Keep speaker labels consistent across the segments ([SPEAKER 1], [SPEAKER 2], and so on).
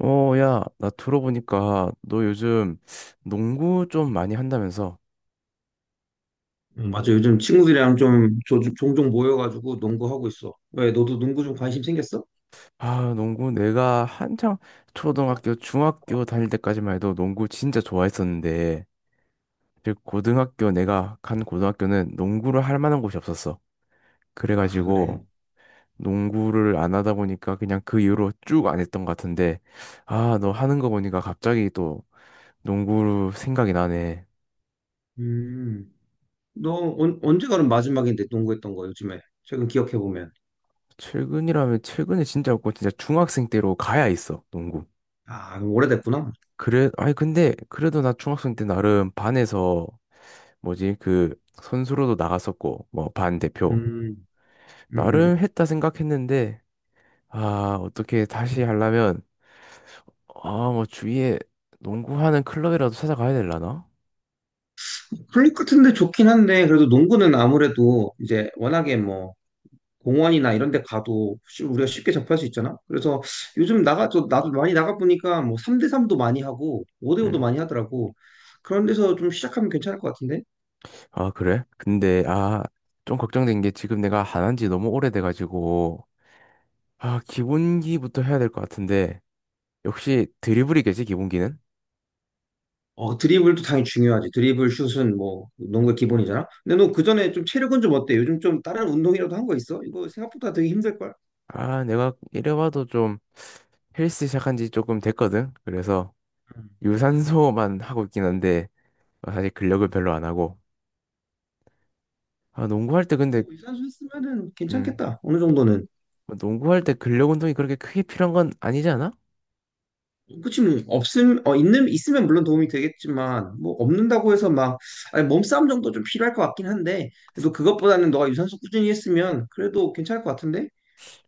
[SPEAKER 1] 어, 야, 나 들어보니까 너 요즘 농구 좀 많이 한다면서?
[SPEAKER 2] 맞아. 요즘 친구들이랑 좀 종종 모여가지고 농구하고 있어. 왜, 너도 농구 좀 관심 생겼어?
[SPEAKER 1] 아, 농구 내가 한창 초등학교, 중학교 다닐 때까지만 해도 농구 진짜 좋아했었는데, 즉 고등학교 내가 간 고등학교는 농구를 할 만한 곳이 없었어.
[SPEAKER 2] 아, 그래?
[SPEAKER 1] 그래가지고 농구를 안 하다 보니까 그냥 그 이후로 쭉 안 했던 것 같은데, 아, 너 하는 거 보니까 갑자기 또 농구 생각이 나네.
[SPEAKER 2] 음, 너 언제가 그럼 마지막인데 농구했던 거 요즘에? 최근 기억해보면.
[SPEAKER 1] 최근이라면 최근에 진짜 없고 진짜 중학생 때로 가야 있어, 농구.
[SPEAKER 2] 아, 그럼 오래됐구나.
[SPEAKER 1] 그래, 아니, 근데, 그래도 나 중학생 때 나름 반에서, 뭐지, 그, 선수로도 나갔었고, 뭐, 반 대표.
[SPEAKER 2] 음, 음, 음.
[SPEAKER 1] 나름 했다 생각했는데, 아, 어떻게 다시 하려면, 아, 뭐, 주위에 농구하는 클럽이라도 찾아가야 되려나?
[SPEAKER 2] 클립 같은데 좋긴 한데, 그래도 농구는 아무래도 이제 워낙에 뭐, 공원이나 이런 데 가도 우리가 쉽게 접할 수 있잖아? 그래서 요즘 나도 많이 나가보니까 뭐 3대3도 많이 하고, 5대5도
[SPEAKER 1] 음.
[SPEAKER 2] 많이 하더라고. 그런 데서 좀 시작하면 괜찮을 것 같은데?
[SPEAKER 1] 아, 그래? 근데, 아, 좀 걱정된 게 지금 내가 안 한 지 너무 오래돼가지고, 아, 기본기부터 해야 될 것 같은데, 역시 드리블이겠지, 기본기는?
[SPEAKER 2] 어, 드리블도 당연히 중요하지. 드리블, 슛은 뭐, 농구의 기본이잖아. 근데 너 그전에 좀 체력은 좀 어때? 요즘 좀 다른 운동이라도 한 거 있어? 이거 생각보다 되게 힘들걸?
[SPEAKER 1] 아, 내가 이래봐도 좀 헬스 시작한 지 조금 됐거든. 그래서
[SPEAKER 2] 음.
[SPEAKER 1] 유산소만 하고 있긴 한데 어, 사실 근력을 별로 안 하고. 아, 농구할 때
[SPEAKER 2] 그래서
[SPEAKER 1] 근데
[SPEAKER 2] 뭐이 선수 있으면은
[SPEAKER 1] 음,
[SPEAKER 2] 괜찮겠다. 어느 정도는.
[SPEAKER 1] 뭐 농구할 때 근력 운동이 그렇게 크게 필요한 건 아니지 않아?
[SPEAKER 2] 그치, 뭐, 있으면 물론 도움이 되겠지만, 뭐, 없는다고 해서 막, 아니, 몸싸움 정도 좀 필요할 것 같긴 한데, 그래도 그것보다는 너가 유산소 꾸준히 했으면 그래도 괜찮을 것 같은데?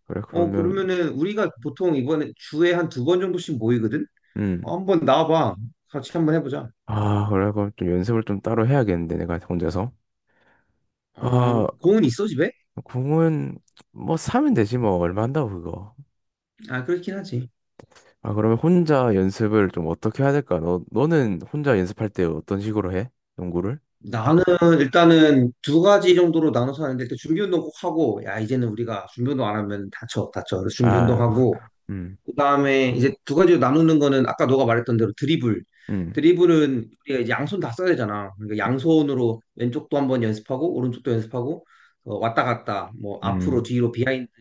[SPEAKER 1] 그래,
[SPEAKER 2] 어,
[SPEAKER 1] 그러면
[SPEAKER 2] 그러면은 우리가 보통 이번에 주에 한 두 번 정도씩 모이거든?
[SPEAKER 1] 음.
[SPEAKER 2] 어, 한번 나와봐. 같이 한번 해보자.
[SPEAKER 1] 아, 그래 그럼 좀 연습을 좀 따로 해야겠는데 내가 혼자서.
[SPEAKER 2] 어,
[SPEAKER 1] 아,
[SPEAKER 2] 공은 있어, 집에?
[SPEAKER 1] 공은 뭐 사면 되지 뭐 얼마 한다고 그거.
[SPEAKER 2] 아, 그렇긴 하지.
[SPEAKER 1] 아, 그러면 혼자 연습을 좀 어떻게 해야 될까? 너 너는 혼자 연습할 때 어떤 식으로 해? 농구를?
[SPEAKER 2] 나는 일단은 두 가지 정도로 나눠서 하는데, 일단 준비 운동 꼭 하고, 야, 이제는 우리가 준비 운동 안 하면 다쳐, 다쳐. 그래서 준비 운동
[SPEAKER 1] 아,
[SPEAKER 2] 하고,
[SPEAKER 1] 음,
[SPEAKER 2] 그다음에 이제 두 가지로 나누는 거는 아까 너가 말했던 대로 드리블.
[SPEAKER 1] 음,
[SPEAKER 2] 드리블은 우리가 이제 양손 다 써야 되잖아. 그러니까 양손으로 왼쪽도 한번 연습하고 오른쪽도 연습하고 어, 왔다 갔다 뭐 앞으로
[SPEAKER 1] 음,
[SPEAKER 2] 뒤로 비하인드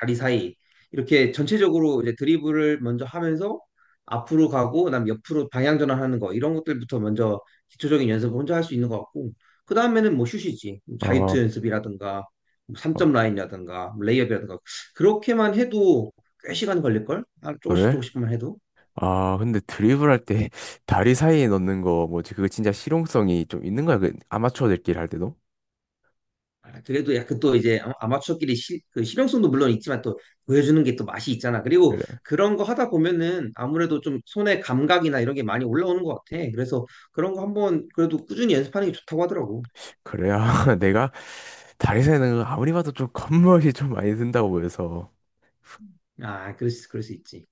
[SPEAKER 2] 다리 사이 이렇게 전체적으로 이제 드리블을 먼저 하면서 앞으로 가고 그다음 옆으로 방향 전환하는 거 이런 것들부터 먼저 기초적인 연습을 혼자 할 수 있는 것 같고 그다음에는 뭐 슛이지.
[SPEAKER 1] 어,
[SPEAKER 2] 자유투 연습이라든가 뭐
[SPEAKER 1] 어,
[SPEAKER 2] 3점 라인이라든가 뭐 레이업이라든가 그렇게만 해도 꽤 시간 걸릴걸? 아, 조금씩
[SPEAKER 1] 그래?
[SPEAKER 2] 조금씩만 해도.
[SPEAKER 1] 아, 근데 드리블할 때 다리 사이에 넣는 거 뭐지? 그거 진짜 실용성이 좀 있는 거야? 그 아마추어들끼리 할 때도?
[SPEAKER 2] 아, 그래도 약간 또 이제 아마추어끼리 그 실용성도 물론 있지만 또 보여주는 게 또 맛이 있잖아. 그리고
[SPEAKER 1] 그래.
[SPEAKER 2] 그런 거 하다 보면은 아무래도 좀 손의 감각이나 이런 게 많이 올라오는 것 같아. 그래서 그런 거 한번 그래도 꾸준히 연습하는 게 좋다고 하더라고.
[SPEAKER 1] 그래야 내가 다리 사이에 넣는 거 아무리 봐도 좀 겉멋이 좀 많이 든다고 보여서.
[SPEAKER 2] 아, 그럴 수 있지.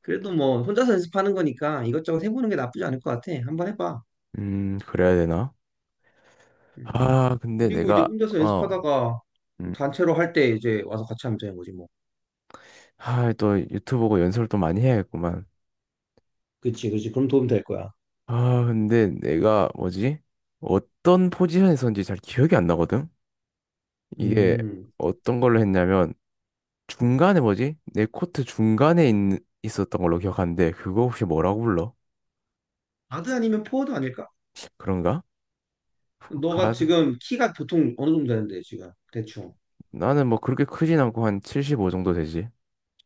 [SPEAKER 2] 그래도 뭐 혼자서 연습하는 거니까 이것저것 해보는 게 나쁘지 않을 것 같아. 한번 해봐.
[SPEAKER 1] 그래야 되나?
[SPEAKER 2] 음.
[SPEAKER 1] 아, 근데
[SPEAKER 2] 그리고 이제 혼자서 연습하다가
[SPEAKER 1] 음,
[SPEAKER 2] 단체로 할 때 이제 와서 같이 하면 되는 거지 뭐.
[SPEAKER 1] 아, 또 유튜브 보고 연습을 또 많이 해야겠구만.
[SPEAKER 2] 그치, 그치. 그럼 도움 될 거야.
[SPEAKER 1] 아, 근데 내가 뭐지? 어떤 포지션에서인지 잘 기억이 안 나거든? 이게
[SPEAKER 2] 음.
[SPEAKER 1] 어떤 걸로 했냐면 중간에 뭐지? 내 코트 중간에 있었던 걸로 기억하는데 그거 혹시 뭐라고 불러?
[SPEAKER 2] 가드 아니면 포워드 아닐까?
[SPEAKER 1] 그런가?
[SPEAKER 2] 너가
[SPEAKER 1] 가드?
[SPEAKER 2] 지금 키가 보통 어느 정도 되는데 지금 대충
[SPEAKER 1] 나는 뭐 그렇게 크진 않고 한 75 정도 되지.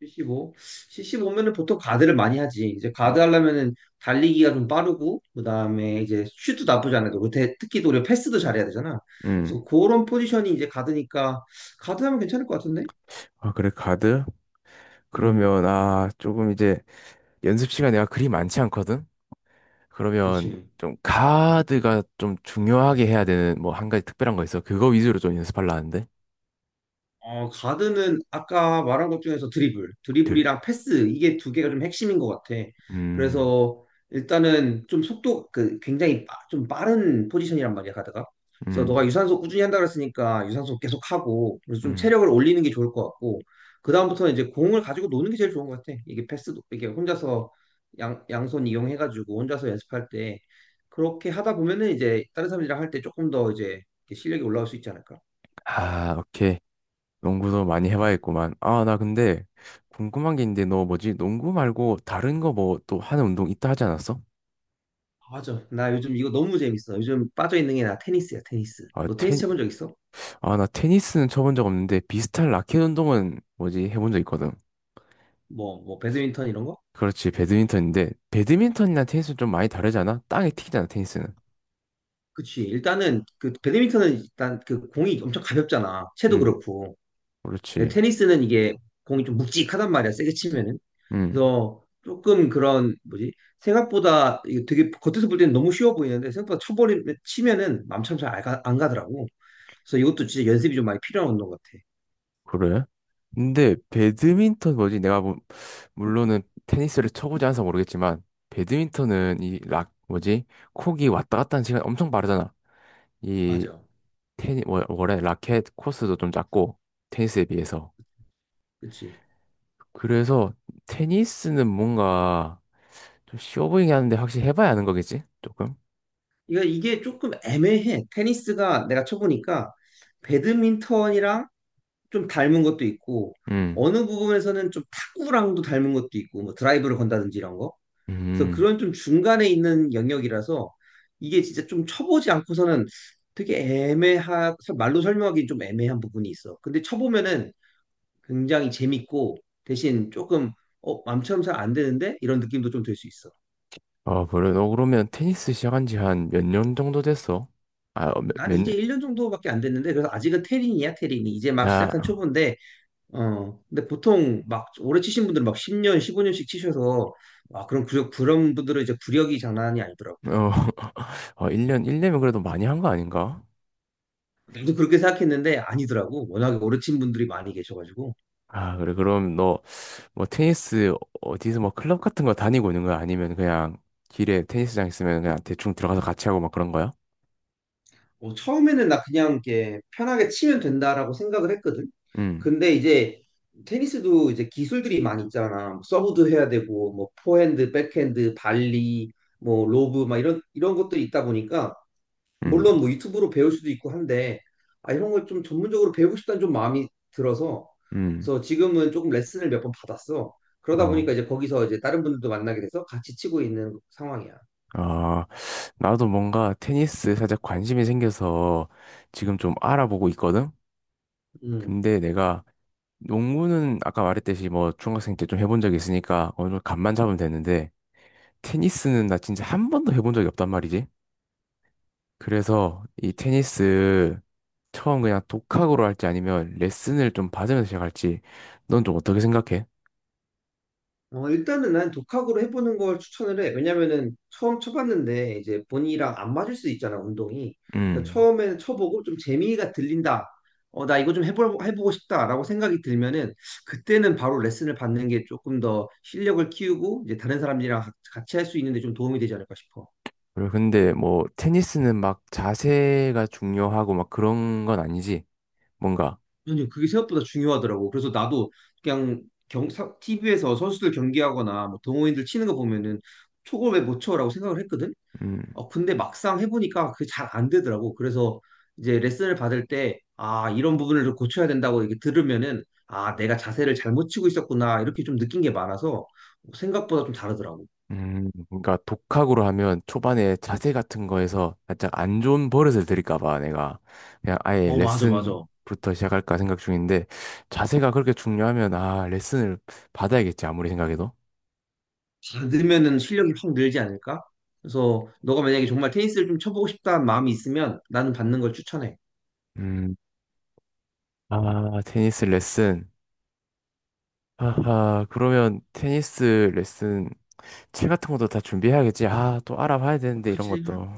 [SPEAKER 2] 75? 75면은 보통 가드를 많이 하지. 이제
[SPEAKER 1] 음.
[SPEAKER 2] 가드 하려면은 달리기가 좀 빠르고 그다음에 이제 슛도 나쁘지 않아도 특히 또 우리가 패스도 잘해야 되잖아.
[SPEAKER 1] 음.
[SPEAKER 2] 그래서 그런 포지션이 이제 가드니까 가드 하면 괜찮을 것 같은데?
[SPEAKER 1] 아 그래 가드?
[SPEAKER 2] 음,
[SPEAKER 1] 그러면 아 조금 이제 연습 시간 내가 그리 많지 않거든? 그러면
[SPEAKER 2] 그치.
[SPEAKER 1] 좀 가드가 좀 중요하게 해야 되는 뭐 한 가지 특별한 거 있어? 그거 위주로 좀 연습하려 하는데.
[SPEAKER 2] 어, 가드는 아까 말한 것 중에서 드리블,
[SPEAKER 1] 들.
[SPEAKER 2] 드리블이랑 패스 이게 두 개가 좀 핵심인 것 같아.
[SPEAKER 1] 음.
[SPEAKER 2] 그래서 일단은 좀 속도 그 굉장히 좀 빠른 포지션이란 말이야 가드가. 그래서 너가
[SPEAKER 1] 음.
[SPEAKER 2] 유산소 꾸준히 한다 그랬으니까 유산소 계속 하고 그래서 좀
[SPEAKER 1] 음.
[SPEAKER 2] 체력을 올리는 게 좋을 것 같고 그 다음부터는 이제 공을 가지고 노는 게 제일 좋은 것 같아. 이게 패스도 이게 혼자서 양 양손 이용해가지고 혼자서 연습할 때 그렇게 하다 보면은 이제 다른 사람들이랑 할 때 조금 더 이제 실력이 올라올 수 있지 않을까.
[SPEAKER 1] 아, 오케이. 농구도 많이 해봐야겠구만. 아, 나 근데 궁금한 게 있는데 너 뭐지? 농구 말고 다른 거 뭐 또 하는 운동 있다 하지 않았어?
[SPEAKER 2] 아, 맞아. 나 요즘 이거 너무 재밌어. 요즘 빠져있는 게 나 테니스야, 테니스.
[SPEAKER 1] 아,
[SPEAKER 2] 너 테니스
[SPEAKER 1] 테니,
[SPEAKER 2] 쳐본 적 있어?
[SPEAKER 1] 아, 나 테니스는 쳐본 적 없는데 비슷한 라켓 운동은 뭐지? 해본 적 있거든.
[SPEAKER 2] 뭐, 배드민턴 이런 거?
[SPEAKER 1] 그렇지, 배드민턴인데 배드민턴이나 테니스는 좀 많이 다르지 않아? 땅에 튀기잖아, 테니스는.
[SPEAKER 2] 그치. 일단은, 그, 배드민턴은 일단 그 공이 엄청 가볍잖아. 채도
[SPEAKER 1] 음,
[SPEAKER 2] 그렇고. 근데
[SPEAKER 1] 그렇지.
[SPEAKER 2] 테니스는 이게 공이 좀 묵직하단 말이야, 세게 치면은.
[SPEAKER 1] 음,
[SPEAKER 2] 그래서 조금 그런, 뭐지? 생각보다 이게 되게 겉에서 볼 때는 너무 쉬워 보이는데 생각보다 치면은 맘처럼 잘 안 가더라고. 그래서 이것도 진짜 연습이 좀 많이 필요한 운동 같아.
[SPEAKER 1] 그래? 근데 배드민턴 뭐지? 내가 뭐, 물론은 테니스를 쳐보지 않아서 모르겠지만 배드민턴은 이 락, 뭐지? 콕이 왔다 갔다 하는 시간이 엄청 빠르잖아. 이
[SPEAKER 2] 맞아.
[SPEAKER 1] 원래 라켓 코스도 좀 작고 테니스에 비해서
[SPEAKER 2] 그치.
[SPEAKER 1] 그래서 테니스는 뭔가 좀 쉬워 보이긴 하는데 확실히 해봐야 하는 거겠지? 조금?
[SPEAKER 2] 이거 이게 조금 애매해. 테니스가 내가 쳐보니까 배드민턴이랑 좀 닮은 것도 있고
[SPEAKER 1] 음.
[SPEAKER 2] 어느 부분에서는 좀 탁구랑도 닮은 것도 있고 뭐 드라이브를 건다든지 이런 거. 그래서
[SPEAKER 1] 음.
[SPEAKER 2] 그런 좀 중간에 있는 영역이라서 이게 진짜 좀 쳐보지 않고서는 되게 말로 설명하기 좀 애매한 부분이 있어. 근데 쳐보면은 굉장히 재밌고 대신 조금 어, 맘처럼 잘 안 되는데 이런 느낌도 좀 들 수 있어.
[SPEAKER 1] 아, 그래. 너 그러면 테니스 시작한 지 한 몇 년 정도 됐어? 아, 어,
[SPEAKER 2] 난
[SPEAKER 1] 몇 년?
[SPEAKER 2] 이제 1년 정도밖에 안 됐는데 그래서 아직은 테린이야 테린이 이제 막
[SPEAKER 1] 야,
[SPEAKER 2] 시작한 초보인데 어 근데 보통 막 오래 치신 분들은 막 10년 15년씩 치셔서 아 그럼 그 그런 분들은 이제 구력이 장난이 아니더라고.
[SPEAKER 1] 어, 어, 1년이면 그래도 많이 한 거 아닌가?
[SPEAKER 2] 나도 그렇게 생각했는데 아니더라고 워낙에 오래 친 분들이 많이 계셔가지고
[SPEAKER 1] 아, 그래. 그럼 너 뭐 테니스 어디서 뭐 클럽 같은 거 다니고 있는 거야? 아니면 그냥 길에 테니스장 있으면 그냥 대충 들어가서 같이 하고 막 그런 거야?
[SPEAKER 2] 어, 처음에는 나 그냥 이렇게 편하게 치면 된다라고 생각을 했거든
[SPEAKER 1] 음,
[SPEAKER 2] 근데 이제 테니스도 이제 기술들이 많이 있잖아 뭐 서브도 해야 되고 뭐 포핸드 백핸드 발리 뭐 로브 막 이런 것들이 있다 보니까
[SPEAKER 1] 음,
[SPEAKER 2] 물론 뭐 유튜브로 배울 수도 있고 한데 아, 이런 걸 좀 전문적으로 배우고 싶다는 좀 마음이 들어서
[SPEAKER 1] 음.
[SPEAKER 2] 그래서 지금은 조금 레슨을 몇 번 받았어. 그러다 보니까
[SPEAKER 1] 어.
[SPEAKER 2] 이제 거기서 이제 다른 분들도 만나게 돼서 같이 치고 있는 상황이야.
[SPEAKER 1] 아, 나도 뭔가 테니스 살짝 관심이 생겨서 지금 좀 알아보고 있거든?
[SPEAKER 2] 음.
[SPEAKER 1] 근데 내가 농구는 아까 말했듯이 뭐 중학생 때 좀 해본 적이 있으니까 어느 정도 감만 잡으면 되는데 테니스는 나 진짜 한 번도 해본 적이 없단 말이지. 그래서 이 테니스 처음 그냥 독학으로 할지 아니면 레슨을 좀 받으면서 시작할지 넌 좀 어떻게 생각해?
[SPEAKER 2] 어, 일단은 난 독학으로 해보는 걸 추천을 해. 왜냐면은 처음 쳐봤는데 이제 본인이랑 안 맞을 수 있잖아, 운동이. 그래서
[SPEAKER 1] 음.
[SPEAKER 2] 처음에는 쳐보고 좀 재미가 들린다. 어, 나 이거 좀 해보고 싶다라고 생각이 들면은 그때는 바로 레슨을 받는 게 조금 더 실력을 키우고 이제 다른 사람들이랑 같이 할 수 있는데 좀 도움이 되지 않을까 싶어.
[SPEAKER 1] 그리고 근데 뭐 테니스는 막 자세가 중요하고 막 그런 건 아니지. 뭔가
[SPEAKER 2] 아니, 그게 생각보다 중요하더라고. 그래서 나도 그냥 경, TV에서 선수들 경기하거나 뭐 동호인들 치는 거 보면은 저걸 왜 못 쳐라고 생각을 했거든.
[SPEAKER 1] 음.
[SPEAKER 2] 어, 근데 막상 해보니까 그게 잘 안 되더라고. 그래서 이제 레슨을 받을 때, 아, 이런 부분을 좀 고쳐야 된다고 이렇게 들으면은, 아, 내가 자세를 잘못 치고 있었구나. 이렇게 좀 느낀 게 많아서 생각보다 좀 다르더라고.
[SPEAKER 1] 그러니까 독학으로 하면 초반에 자세 같은 거에서 살짝 안 좋은 버릇을 들일까 봐 내가 그냥 아예
[SPEAKER 2] 어, 맞아, 맞아.
[SPEAKER 1] 레슨부터 시작할까 생각 중인데 자세가 그렇게 중요하면 아, 레슨을 받아야겠지 아무리 생각해도.
[SPEAKER 2] 받으면은 실력이 확 늘지 않을까? 그래서 너가 만약에 정말 테니스를 좀 쳐보고 싶다는 마음이 있으면 나는 받는 걸 추천해.
[SPEAKER 1] 음. 아, 테니스 레슨. 아하, 그러면 테니스 레슨 채 같은 것도 다 준비해야겠지. 아, 또 알아봐야 되는데, 이런
[SPEAKER 2] 그치?
[SPEAKER 1] 것도.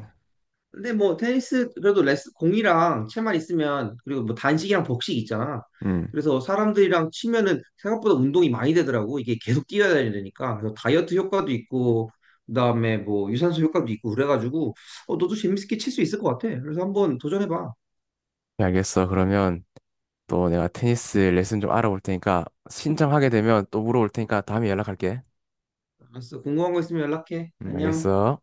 [SPEAKER 2] 근데 뭐 테니스 그래도 레스 공이랑 채만 있으면 그리고 뭐 단식이랑 복식 있잖아.
[SPEAKER 1] 음,
[SPEAKER 2] 그래서 사람들이랑 치면은 생각보다 운동이 많이 되더라고. 이게 계속 뛰어야 되니까. 그래서 다이어트 효과도 있고 그다음에 뭐 유산소 효과도 있고 그래가지고 어, 너도 재밌게 칠 수 있을 것 같아. 그래서 한번 도전해봐.
[SPEAKER 1] 네, 알겠어. 그러면 또 내가 테니스 레슨 좀 알아볼 테니까 신청하게 되면 또 물어볼 테니까 다음에 연락할게.
[SPEAKER 2] 알았어. 궁금한 거 있으면 연락해. 안녕.
[SPEAKER 1] 알겠어.